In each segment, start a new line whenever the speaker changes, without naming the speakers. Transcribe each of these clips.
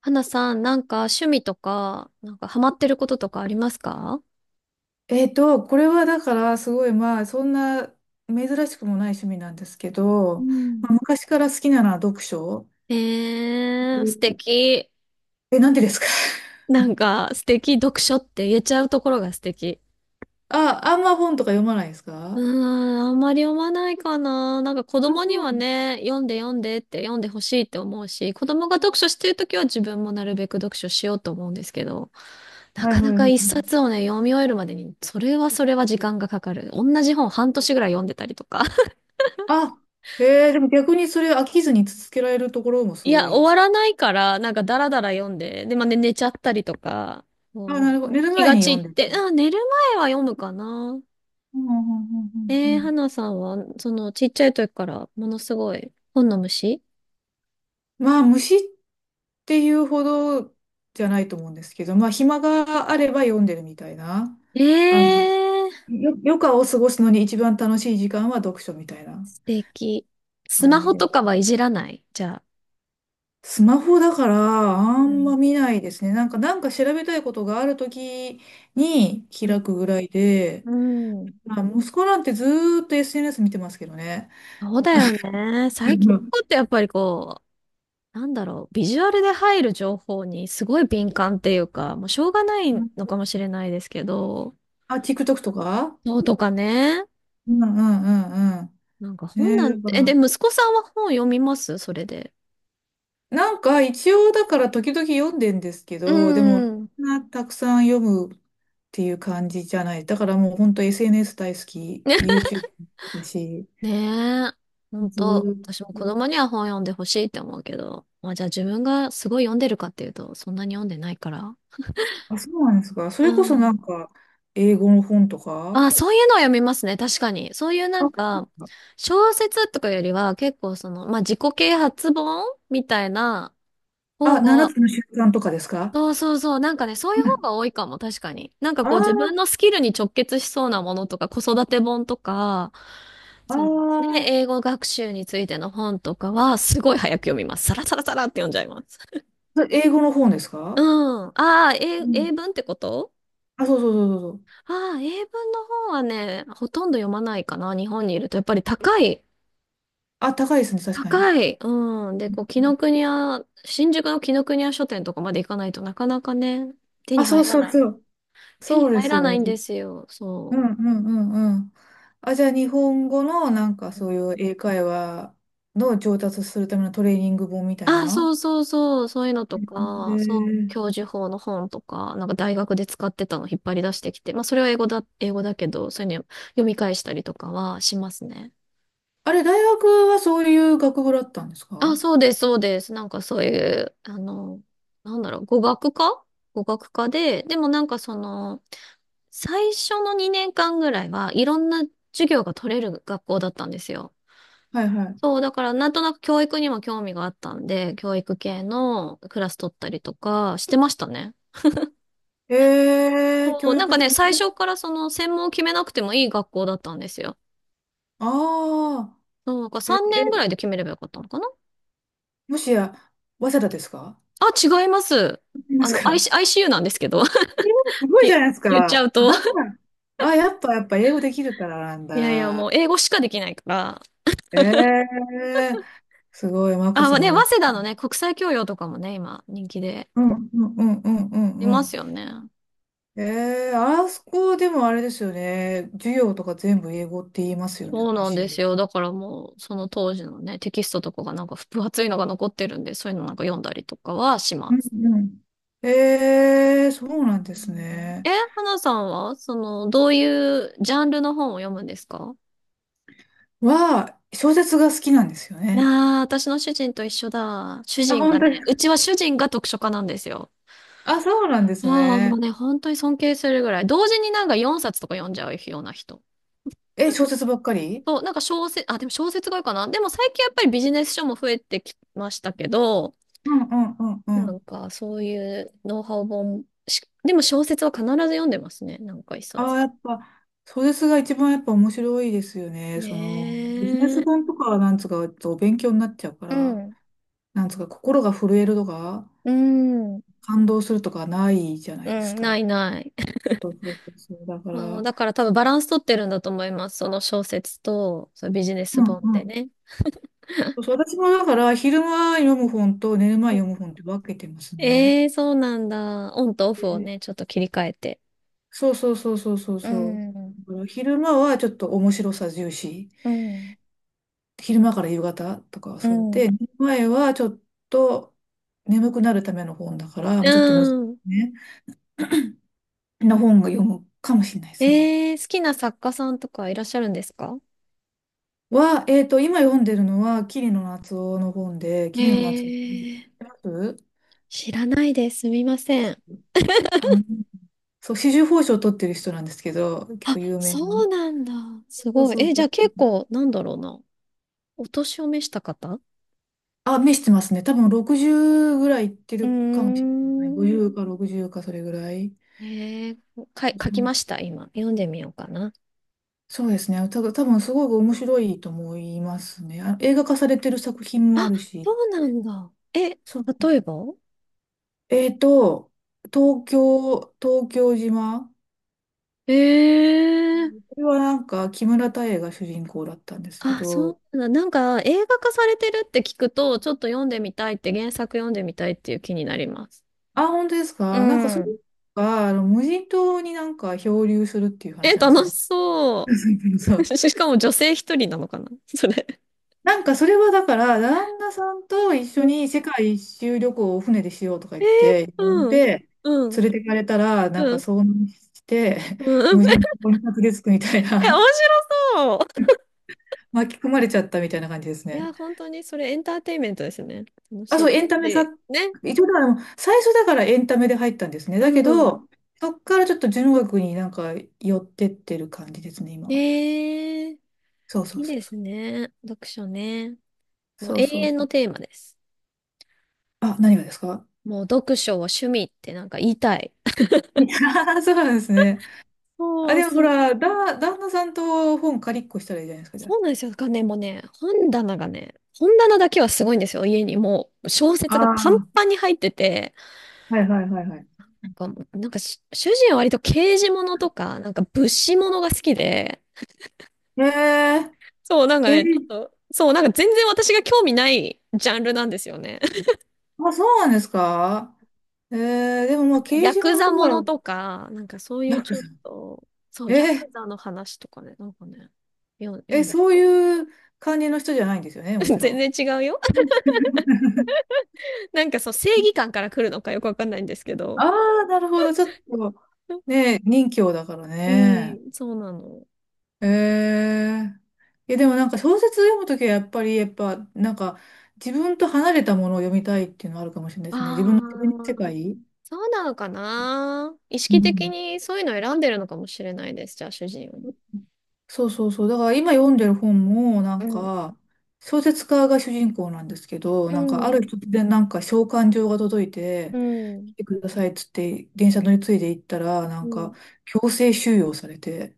花さん、なんか趣味とか、なんかハマってることとかありますか？
これはだからすごい、まあそんな珍しくもない趣味なんですけ
う
ど、まあ、
ん、
昔から好きなのは読書。う
えー、素
ん、
敵。
え、なんでですか？
なんか素敵、読書って言えちゃうところが素敵。
あ、あんま本とか読まないです
う
か？
ーん、あんまり読まないかな。なんか子
あ、
供に
そ
は
う。
ね、読んで読んでって読んでほしいって思うし、子供が読書してるときは自分もなるべく読書しようと思うんですけど、な
は
か
いは
な
いはい
か
は
一冊
い。
をね、読み終えるまでに、それはそれは時間がかかる。同じ本半年ぐらい読んでたりとか。
あ、えー、でも逆にそれ飽きずに続けられるところもす
い
ご
や、
い
終
で
わ
す。
らないから、なんかダラダラ読んで、で、まあ、ね、寝ちゃったりとか、
あ、
う
な
ん、
るほど。寝る
気
前
が
に
散
読ん
っ
でる。
て、あ、寝る前は読むかな。
うんうんうんうんうん。
花さんは、ちっちゃい時からものすごい本の虫？
まあ虫っていうほどじゃないと思うんですけど、まあ暇があれば読んでるみたいな。
え
あの、
ー、
余暇を過ごすのに一番楽しい時間は読書みたいな
素敵。ス
感
マ
じ
ホ
で。
とかはいじらないじゃあ？
スマホだからあ
う
ん
ん。
ま見ないですね。なんか、調べたいことがあるときに
うん
開くぐらいで、
うん。
まあ、息子なんてずーっと SNS 見てますけどね。
そうだよね。最近の子っ てやっぱりこう、なんだろう、ビジュアルで入る情報にすごい敏感っていうか、もうしょうがない
うん、
のかもしれないですけど、
あ、TikTok とか。
そうとかね。
うんうんうんうん。
なんか本な
ねえ、
ん
だ
て、
か
え、で、
ら、
息子さんは本読みますそれで？
なんか一応だから時々読んでんですけ
う
ど、でも
ーん。
そんなたくさん読むっていう感じじゃない。だからもう本当 SNS 大好 き、
ね。
YouTube だし、
ねえ。ほん
ず
と、
ーっと。
私も子供には本読んでほしいって思うけど。まあじゃあ自分がすごい読んでるかっていうと、そんなに読んでないから。
あ、そうなんですか。そ
う
れこそな
ん。
んか英語の本とか、
あ、そういうのは読みますね。確かに。そういうな
あ、
んか、小説とかよりは結構その、まあ自己啓発本みたいな方
あ7
が。
つの習慣とかですか？
そうそうそう。なんかね、そういう
う
方が
ん、
多いかも、確かに。なんか
あ
こう自分の
ー、
スキルに直結しそうなものとか、子育て本とか、
あ
そのね、
ー、
英語学習についての本とかは、すごい早く読みます。サラサラサラって読んじゃいます。
それ英語の本です
う
か？
ん。ああ、
う
英、英
ん、
文ってこと？
あ、そうそうそうそうそう。
ああー、英文の本はね、ほとんど読まないかな、日本にいると。やっぱり高い。
あ、高いですね、確かに。
高い。うん。で、こう、紀ノ国屋、新宿の紀ノ国屋書店とかまで行かないとなかなかね、手
あ、
に
そ
入
う
ら
そう
ない。
そう。
手に
そうで
入
す
ら
よ
な
ね。
いんですよ。
うん
そう。
うんうんうん。あ、じゃあ日本語のなんかそういう英会話の上達するためのトレーニング本みたい
あ、そ
な。
うそうそう、そういうのと
へ
か、そう、教
え。
授法の本とか、なんか大学で使ってたの引っ張り出してきて、まあそれは英語だ、英語だけど、そういうの読み返したりとかはしますね。
あれ、大学はそういう学部だったんです
あ、
か？
そうです、そうです。なんかそういう、なんだろう、語学科で、でもなんかその、最初の2年間ぐらいはいろんな授業が取れる学校だったんですよ。
はいは
そう、だからなんとなく教育にも興味があったんで、教育系のクラス取ったりとかしてましたね。
い。えー、
そう、
教
なん
育
か
で。
ね、最初からその専門を決めなくてもいい学校だったんですよ。
ああ、
そうなんか
え、
3年ぐら
え、
いで決めればよかったのかな？
もしや、早稲田ですか？
あ、違います。
いますか？
I ユ u なんですけど。
えー、す ごい
い
じゃないです
言っちゃ
か。
う
あ、
と。
だから、あ、やっぱ、やっぱ英語できるからなん
いやいや、もう
だ。
英語しかできないから。
えー、すごい、眞子
あ、ま
さ
あね、
ま
早
も。
稲田のね、国際教養とかもね、今人気で
うんうんうんうんうん
い
う
ま
ん。
すよね。
えー、あそこでもあれですよね。授業とか全部英語って言いますよね、
そう
i
なんです
c。
よ。だからもう、その当時のね、テキストとかがなんか分厚いのが残ってるんで、そういうのなんか読んだりとかはしま
うん
す。
うん。えー、そう
う
なんです
ん、
ね。
え、花さんは、どういうジャンルの本を読むんですか？
は、小説が好きなんですよね。
ああー、私の主人と一緒だ。主
あ、
人
本
が
当で
ね、う
す、
ちは主人が読書家なんですよ。
あ、そうなんです
ああ、もう
ね。
ね、本当に尊敬するぐらい。同時になんか4冊とか読んじゃうような人。
え、小説ばっかり？
そう、なんか小説、あ、でも小説が多いかな。でも最近やっぱりビジネス書も増えてきましたけど、
うんうんうんう
なん
ん。
か、そういうノウハウ本し、でも小説は必ず読んでますね。なんか一
あ
冊
あ、や
は。
っぱ、小説が一番やっぱ面白いですよね。その、ビジネ
ね
ス本
え。
とかはなんつうか、ちょっとお勉強になっちゃうか
う
ら、
ん。
なんつうか、心が震えるとか、
うん。
感動するとかないじゃな
う
いです
ん。な
か。
いない。
そうそうそうそう。だか
そう
ら、
だから多分バランス取ってるんだと思います。その小説と、そのビジネス
うん
本
う
で
ん。
ね。
そうそう、私もだから、昼間読む本と寝る前読む本って分けてますね。
ええー、そうなんだ。オンとオフを
で、
ね、ちょっと切り替えて。
そうそうそうそうそう
う
そう。
ん。
だから昼間はちょっと面白さ重視。
うん。
昼間から夕方とかは
う
そう
ん。
で、寝る前はちょっと眠くなるための本だから、も
う
うちょっと難し
ん。
いね。な本が読むかもしれないですね。
ええー、好きな作家さんとかいらっしゃるんですか？
は、今読んでるのは、桐野夏生の本で、桐野夏生。
ええ
知って
ー、
ます？
知らないです。すみません。
あ、そう、紫綬褒章を取ってる人なんですけど、結
あ、
構有名な。
そうなんだ。す
そう
ごい。
そう
え、じ
そ
ゃあ
う。
結構、なんだろうな。お年を召した方？
あ、目してますね。多分60ぐらいいって
うー
るかもしれない。
ん。
50か60かそれぐらい。
えー、か、
そ
書き
う、
ました、今。読んでみようかな。
そうですね。ただ多分すごく面白いと思いますね。あ、映画化されてる作品もあ
あ、
るし。
そうなんだ。え、例
そう。
えば
えっと、東京、東京島。
えー、
これはなんか木村多江が主人公だったんですけ
あ、
ど、
そうなんだ。なんか、映画化されてるって聞くと、ちょっと読んでみたいって、原作読んでみたいっていう気になります。
あ、本当です
う
か？なんかそれ
ん。
が、あの、無人島になんか漂流するっていう
え、
話なんですよ
楽し
ね。
そ
そう。
う。しかも女性一人なのかなそれ？
なんかそれはだから、旦那さんと一
う
緒
ん、
に世界一周旅行を船でしようとか
え
言
ー、
って、呼ん
うん、
で、
うん、
連れてかれたら、なんか
うん。
遭難して、
うん。
無人 島にたど着くみたい
え、面
な、
白そう。
巻き込まれちゃったみたいな感じです
い
ね。
や、本当にそれエンターテインメントですね。楽し
あ、
い
そう、エンタメさ、
し。ね。
一応だから、最初だからエンタメで入ったんですね。
う
だけ
ん。
ど、そっからちょっと純学になんか寄ってってる感じですね、今。
ええ、
そうそ
い
う
い
そう
で
そ
す
う。
ね。読書ね。もう
そう
永
そう
遠
そ
の
う。
テーマです。
あ、何がですか？
もう読書を趣味ってなんか言いたい。
あ、 そうなんですね。あ、
そう、
でも
す、
ほら、旦那さんと本借りっこしたらいいじゃないですか、じゃあ。
そうなんですよ。だからね、もうね、本棚がね、本棚だけはすごいんですよ。家にもう小
あ
説がパン
あ、
パンに入ってて、
はいはいはいはい。
なんかもうなんかし主人は割と刑事物とか、なんか物資物が好きで、そう、なんか
へえ、
ね、ちょっ
け、
と、そう、なんか全然私が興味ないジャンルなんですよね。
あ、そうなんですか？えー、でもまあ、刑
ヤ
事
ク
物
ザ
と
もの
か、
とか、なんかそういう
ヤク
ちょっ
ザ。
と、そう、
え
ヤク
ー、
ザの話とかね、なんかね、よ、読
え、
んでる
そう
よ。
いう感じの人じゃないんですよね、も ちろ
全
ん。
然違うよ。なんかそう、正義感から来るのかよくわかんないんですけ
あ、
ど。
あ、なるほど。ちょっと、ね、任侠だから
う
ね。
ん、そうなの。
ええ、いや、でもなんか小説読むときはやっぱり、やっぱ、なんか自分と離れたものを読みたいっていうのはあるかもしれない
あ
ですね。自分の世
あ、
界。
そうなのかな。意
う
識的
ん。
にそういうのを選んでるのかもしれないです、じゃあ主人を。
そうそうそう。だから今読んでる本も、な
う
ん
ん、
か、小説家が主人公なんですけど、
う
なんかある
ん、
日突然なんか召喚状が届い
う
て、
ん、
来てくださいっつって電車乗り継いで行ったら、な
う
ん
ん、
か強制収容されて、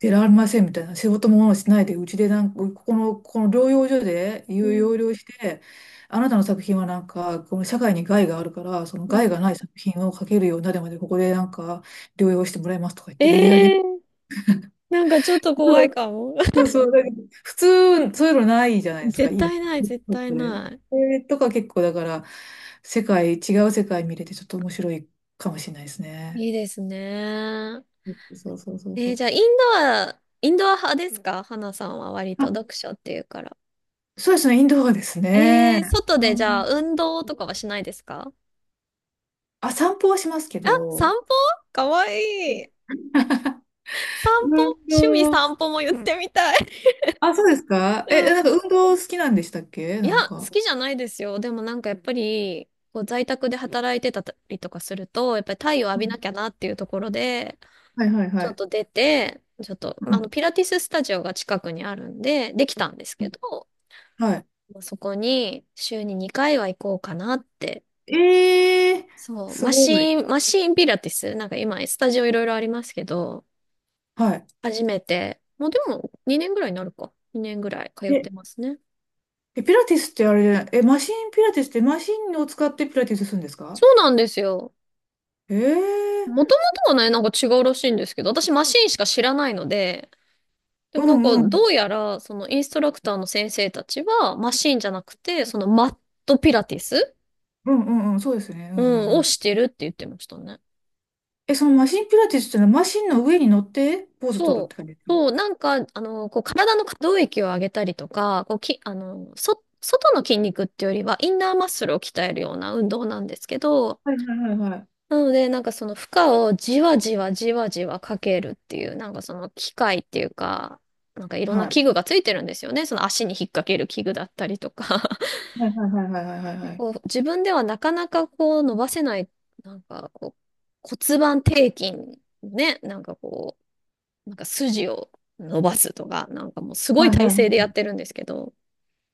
出られませんみたいな、仕事もしないで、うちでなんか、ここの、この療養所で
う
有療
ん、
養して、あなたの作品はなんか、この社会に害があるから、その
う
害
ん。
がない作品を描けるようになるまで、ここでなんか、療養してもらいますとか言って、無理や
え
り。
えー、なんかちょっと怖いかも。
そう そう、そうだけど普通、そういうのないじゃないですか、
絶
今。
対ない、絶対
で、
な
それとか結構、だから、世界、違う世界見れて、ちょっと面白いかもしれないです
い。
ね。
いいですね。
そうそうそうそう
じゃ
そ
あ、イン
う。
ドア、インドア派ですか花さんは割と
あ、
読書っていうから？
そうですね、インドアですね。
外でじゃあ、運動とかはしないですか？
あ、散歩はしますけ
あ、散
ど、
歩かわいい。散
運
歩趣味
動、
散歩も言ってみたい。
あ、そうですか？え、なん
うん。
か運動好きなんでしたっけ？
い
な
や、
ん
好
か。
きじゃないですよ。でもなんかやっぱり、こう在宅で働いてたりとかすると、やっぱり太陽浴
う
びな
ん、
きゃなっていうところで、
はいはいは
ちょっ
い。
と出て、ちょっと、
うん。
ピラティススタジオが近くにあるんで、できたんですけど、
はい。
まあそこに週に2回は行こうかなって。
えー、
そう、
す
マ
ごい。
シーン、マシーンピラティス、なんか今、スタジオいろいろありますけど、
はい。
初めて、もうでも2年ぐらいになるか。2年ぐらい通っ
え、
てますね。
えピラティスってあれじゃない、え、マシンピラティスってマシンを使ってピラティスするんですか？
そうなんですよ。
えー、
もともとはね、なんか違うらしいんですけど、私マシンしか知らないので、で
う
もなんか
んうん。
どうやら、そのインストラクターの先生たちは、マシンじゃなくて、そのマットピラティス、
うんうんうん、そうですね。う
う
んう
ん、
んう
を
ん。
してるって言ってましたね。
え、そのマシンピラティスっていうのはマシンの上に乗ってポーズ取るっ
そう。
て感じですか？
そう、体の可動域を上げたりとか、こう、き、あの、そ、外の筋肉っていうよりは、インナーマッスルを鍛えるような運動なんですけど、
はいはいはいはい。
なので、その負荷をじわじわじわじわかけるっていう、その機械っていうか、なんかいろんな
はい。
器具がついてるんですよね。その足に引っ掛ける器具だったりとか。
はいはいはいはいはい
で
はい。
こう、自分ではなかなかこう伸ばせない、なんかこう、骨盤底筋ね、なんか筋を伸ばすとか、なんかもうすごい
はいは
体
いは
勢で
い、
やってるんですけど。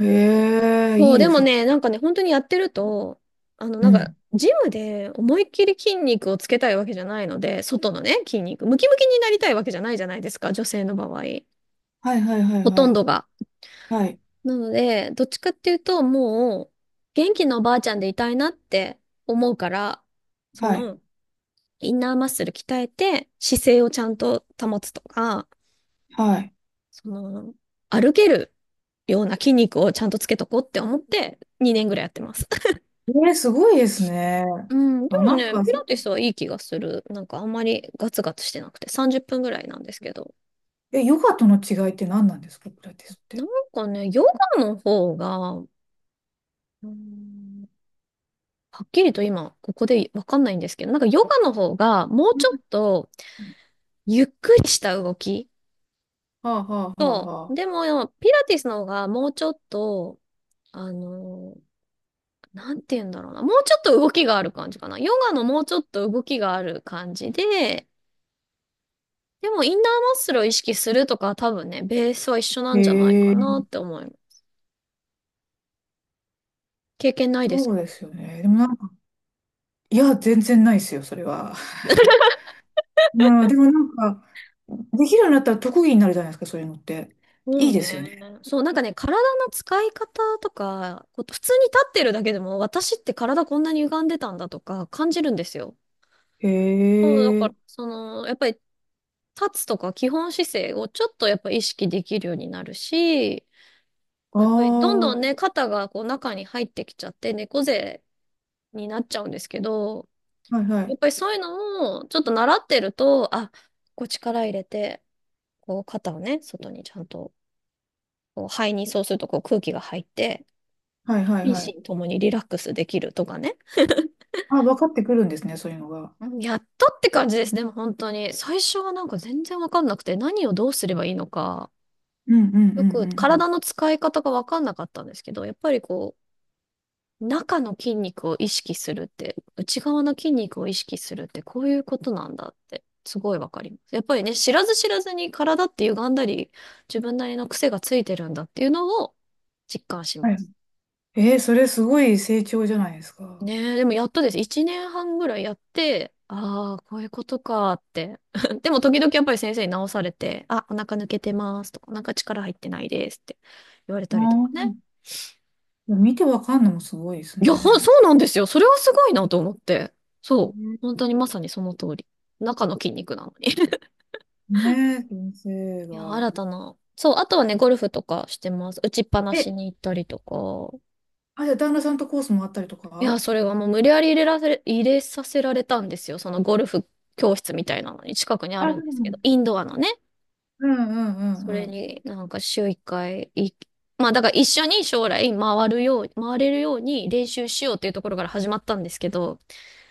へえ、
そ
いい
う、で
で
も
す。
ね、なんかね、本当にやってると、
うん。
ジムで思いっきり筋肉をつけたいわけじゃないので、外のね、筋肉、ムキムキになりたいわけじゃないじゃないですか、女性の場合。
はいはいはい
ほと
は
ん
い。
どが。
はい。
なので、どっちかっていうと、もう、元気なおばあちゃんでいたいなって思うから、そ
はい。
の、インナーマッスル鍛えて、姿勢をちゃんと保つとか、
はい。
その、歩けるような筋肉をちゃんとつけとこうって思って2年ぐらいやってます。
えー、すごいですね。
うん、で
あ、
も
なん
ね、
か、
ピ
そ、
ラティスはいい気がする。なんかあんまりガツガツしてなくて30分ぐらいなんですけど。
え、ヨガとの違いって何なんですか、ピラティスっ
なん
て。
かね、ヨガの方が、うん、はっきりと今ここでわかんないんですけど、なんかヨガの方がもう
う
ちょっ
ん、
とゆっくりした動き
はあはあはあ
と、
は
でもピラティスの方がもうちょっと、あのなんて言うんだろうな。もうちょっと動きがある感じかな。ヨガのもうちょっと動きがある感じで、でもインナーマッスルを意識するとかは多分ね、ベースは一緒な
あ。
んじゃない
へ
か
え、
なって思います。経験ないです
そうで
か？
すよね。でもなんか、いや、全然ないですよ、それは。うん、でもなんか、できるようになったら特技になるじゃないですか、そういうのって。
そ
いい
う
ですよ
ね。
ね。
そう、なんかね、体の使い方とか、こう普通に立ってるだけでも、私って体こんなに歪んでたんだとか感じるんですよ。
へ
そう、だか
え、
ら、その、やっぱり立つとか基本姿勢をちょっとやっぱ意識できるようになるし、
あ
こう
あ、
やっぱりどんどん
は
ね、肩がこう中に入ってきちゃって猫背になっちゃうんですけど、
いは
や
い。
っぱりそういうのをちょっと習ってると、あ、こう力入れて、こう肩をね、外にちゃんと、こう肺にそうするとこう空気が入って、
はいはいは
心
い。
身ともにリラックスできるとかね。
あ、分かってくるんですね、そういうのが。
うんやったって感じです。でも本当に。最初はなんか全然わかんなくて、何をどうすればいいのか、
うんうんうんう
よく
ん、
体の使い方がわかんなかったんですけど、やっぱりこう、中の筋肉を意識するって、内側の筋肉を意識するってこういうことなんだって、すごいわかります。やっぱりね、知らず知らずに体って歪んだり、自分なりの癖がついてるんだっていうのを実感し
は
ま
い。
す。
えー、それすごい成長じゃないですか。
ねえ、でもやっとです。1年半ぐらいやって、ああ、こういうことかって。でも時々やっぱり先生に直されて、あ、お腹抜けてますとか、お腹力入ってないですって言われ
あ
たりとかね。
あ、見てわかんのもすごいです
いや、そ
ね。
うなんですよ。それはすごいなと思って。そう。
ね、
本当にまさにその通り。中の筋肉なのに。
ねえ、先生
いや、
が。
新たな。そう、あとはね、ゴルフとかしてます。打ちっぱな
え、
しに行ったりとか。
あ、じゃあ旦那さんとコースもあったりと
いや、
か？
それはもう無理やり入れさせられたんですよ。そのゴルフ教室みたいなのに近くにあ
あ、
る
そ
んで
う
す
な
け
の。
ど、インドアのね。
うんう
そ
ん
れ
うん
になんか週一回いい、まあだから一緒に将来回るよう、回れるように練習しようっていうところから始まったんですけど、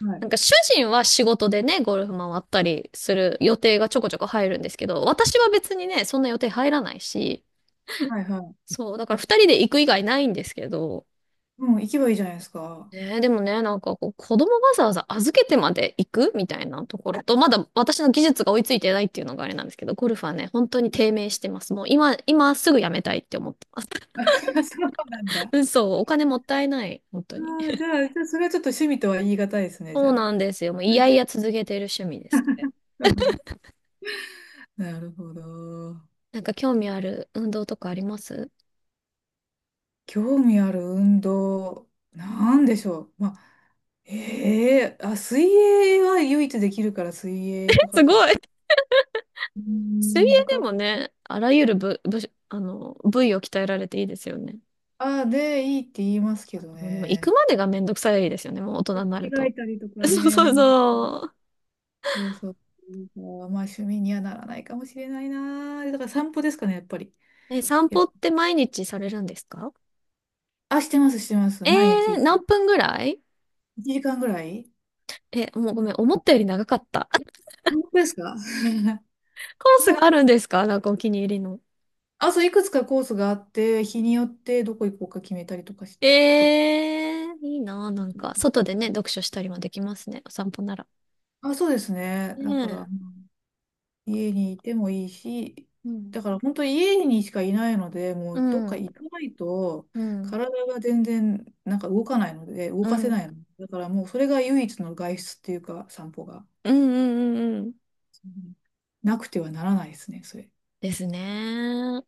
うん。は
な
い。
んか主人は仕事でね、ゴルフ回ったりする予定がちょこちょこ入るんですけど、私は別にね、そんな予定入らないし、
はいはい。
そう、だから
あ、
二人で行く以外ないんですけど、
うん、行けばいいじゃないですか。
ね、でもね、なんかこう、子供わざわざ預けてまで行くみたいなところと、まだ私の技術が追いついてないっていうのがあれなんですけど、ゴルフはね、本当に低迷してます。もう今、今すぐやめたいって思ってます。
そうなんだ。あ、
うんそう、お金もったいない、本当に。
あ、じゃあ、じゃあ、それはちょっと趣味とは言い難いですね、じ
そう
ゃあ。
なんですよ。もういやい や続けてる趣味です。
なるほど。
なんか興味ある運動とかあります？
興味ある運動、なんでしょう。まあ、ええ、あ、水泳は唯一できるから水
え
泳とか
すご
かな。
い。
うー
水泳
ん、
で
が、
もね、あらゆる部、部、あの、部位を鍛えられていいですよね。
あ、で、いいって言いますけど
あのでも行く
ね。
までがめんどくさいですよね、もう大
着
人になる
替
と。
えたりと か
そう
ね、
そ
め
う
んどくさい、
そう。
そうそう。まあ、趣味にはならないかもしれないな。だから散歩ですかね、やっぱり。
え、散
いや、
歩って毎日されるんですか？
あ、してます、してます。
え
毎
ー、
日
何分ぐらい？
1時間ぐらい。
え、もうごめん、思ったより長かった。
本当ですか？
コースがあ るんですか？なんかお気に入りの。
あ、そう、いくつかコースがあって、日によってどこ行こうか決めたりとかし
え
て。
ー、いいなあ、なんか、外でね、読書したりもできますね、お散歩なら。
あ、そうですね。
ね
だから、
え。
家にいてもいいし、
うん。
だから本当に家にしかいないので、も
う
うどっか
ん。
行かないと、
うん。
体が全然なんか動かないので、動
う
かせ
ん。
ないの。だからもうそれが唯一の外出っていうか、散歩が。
うんうんうんうん。
うん、なくてはならないですね、それ。
ですね。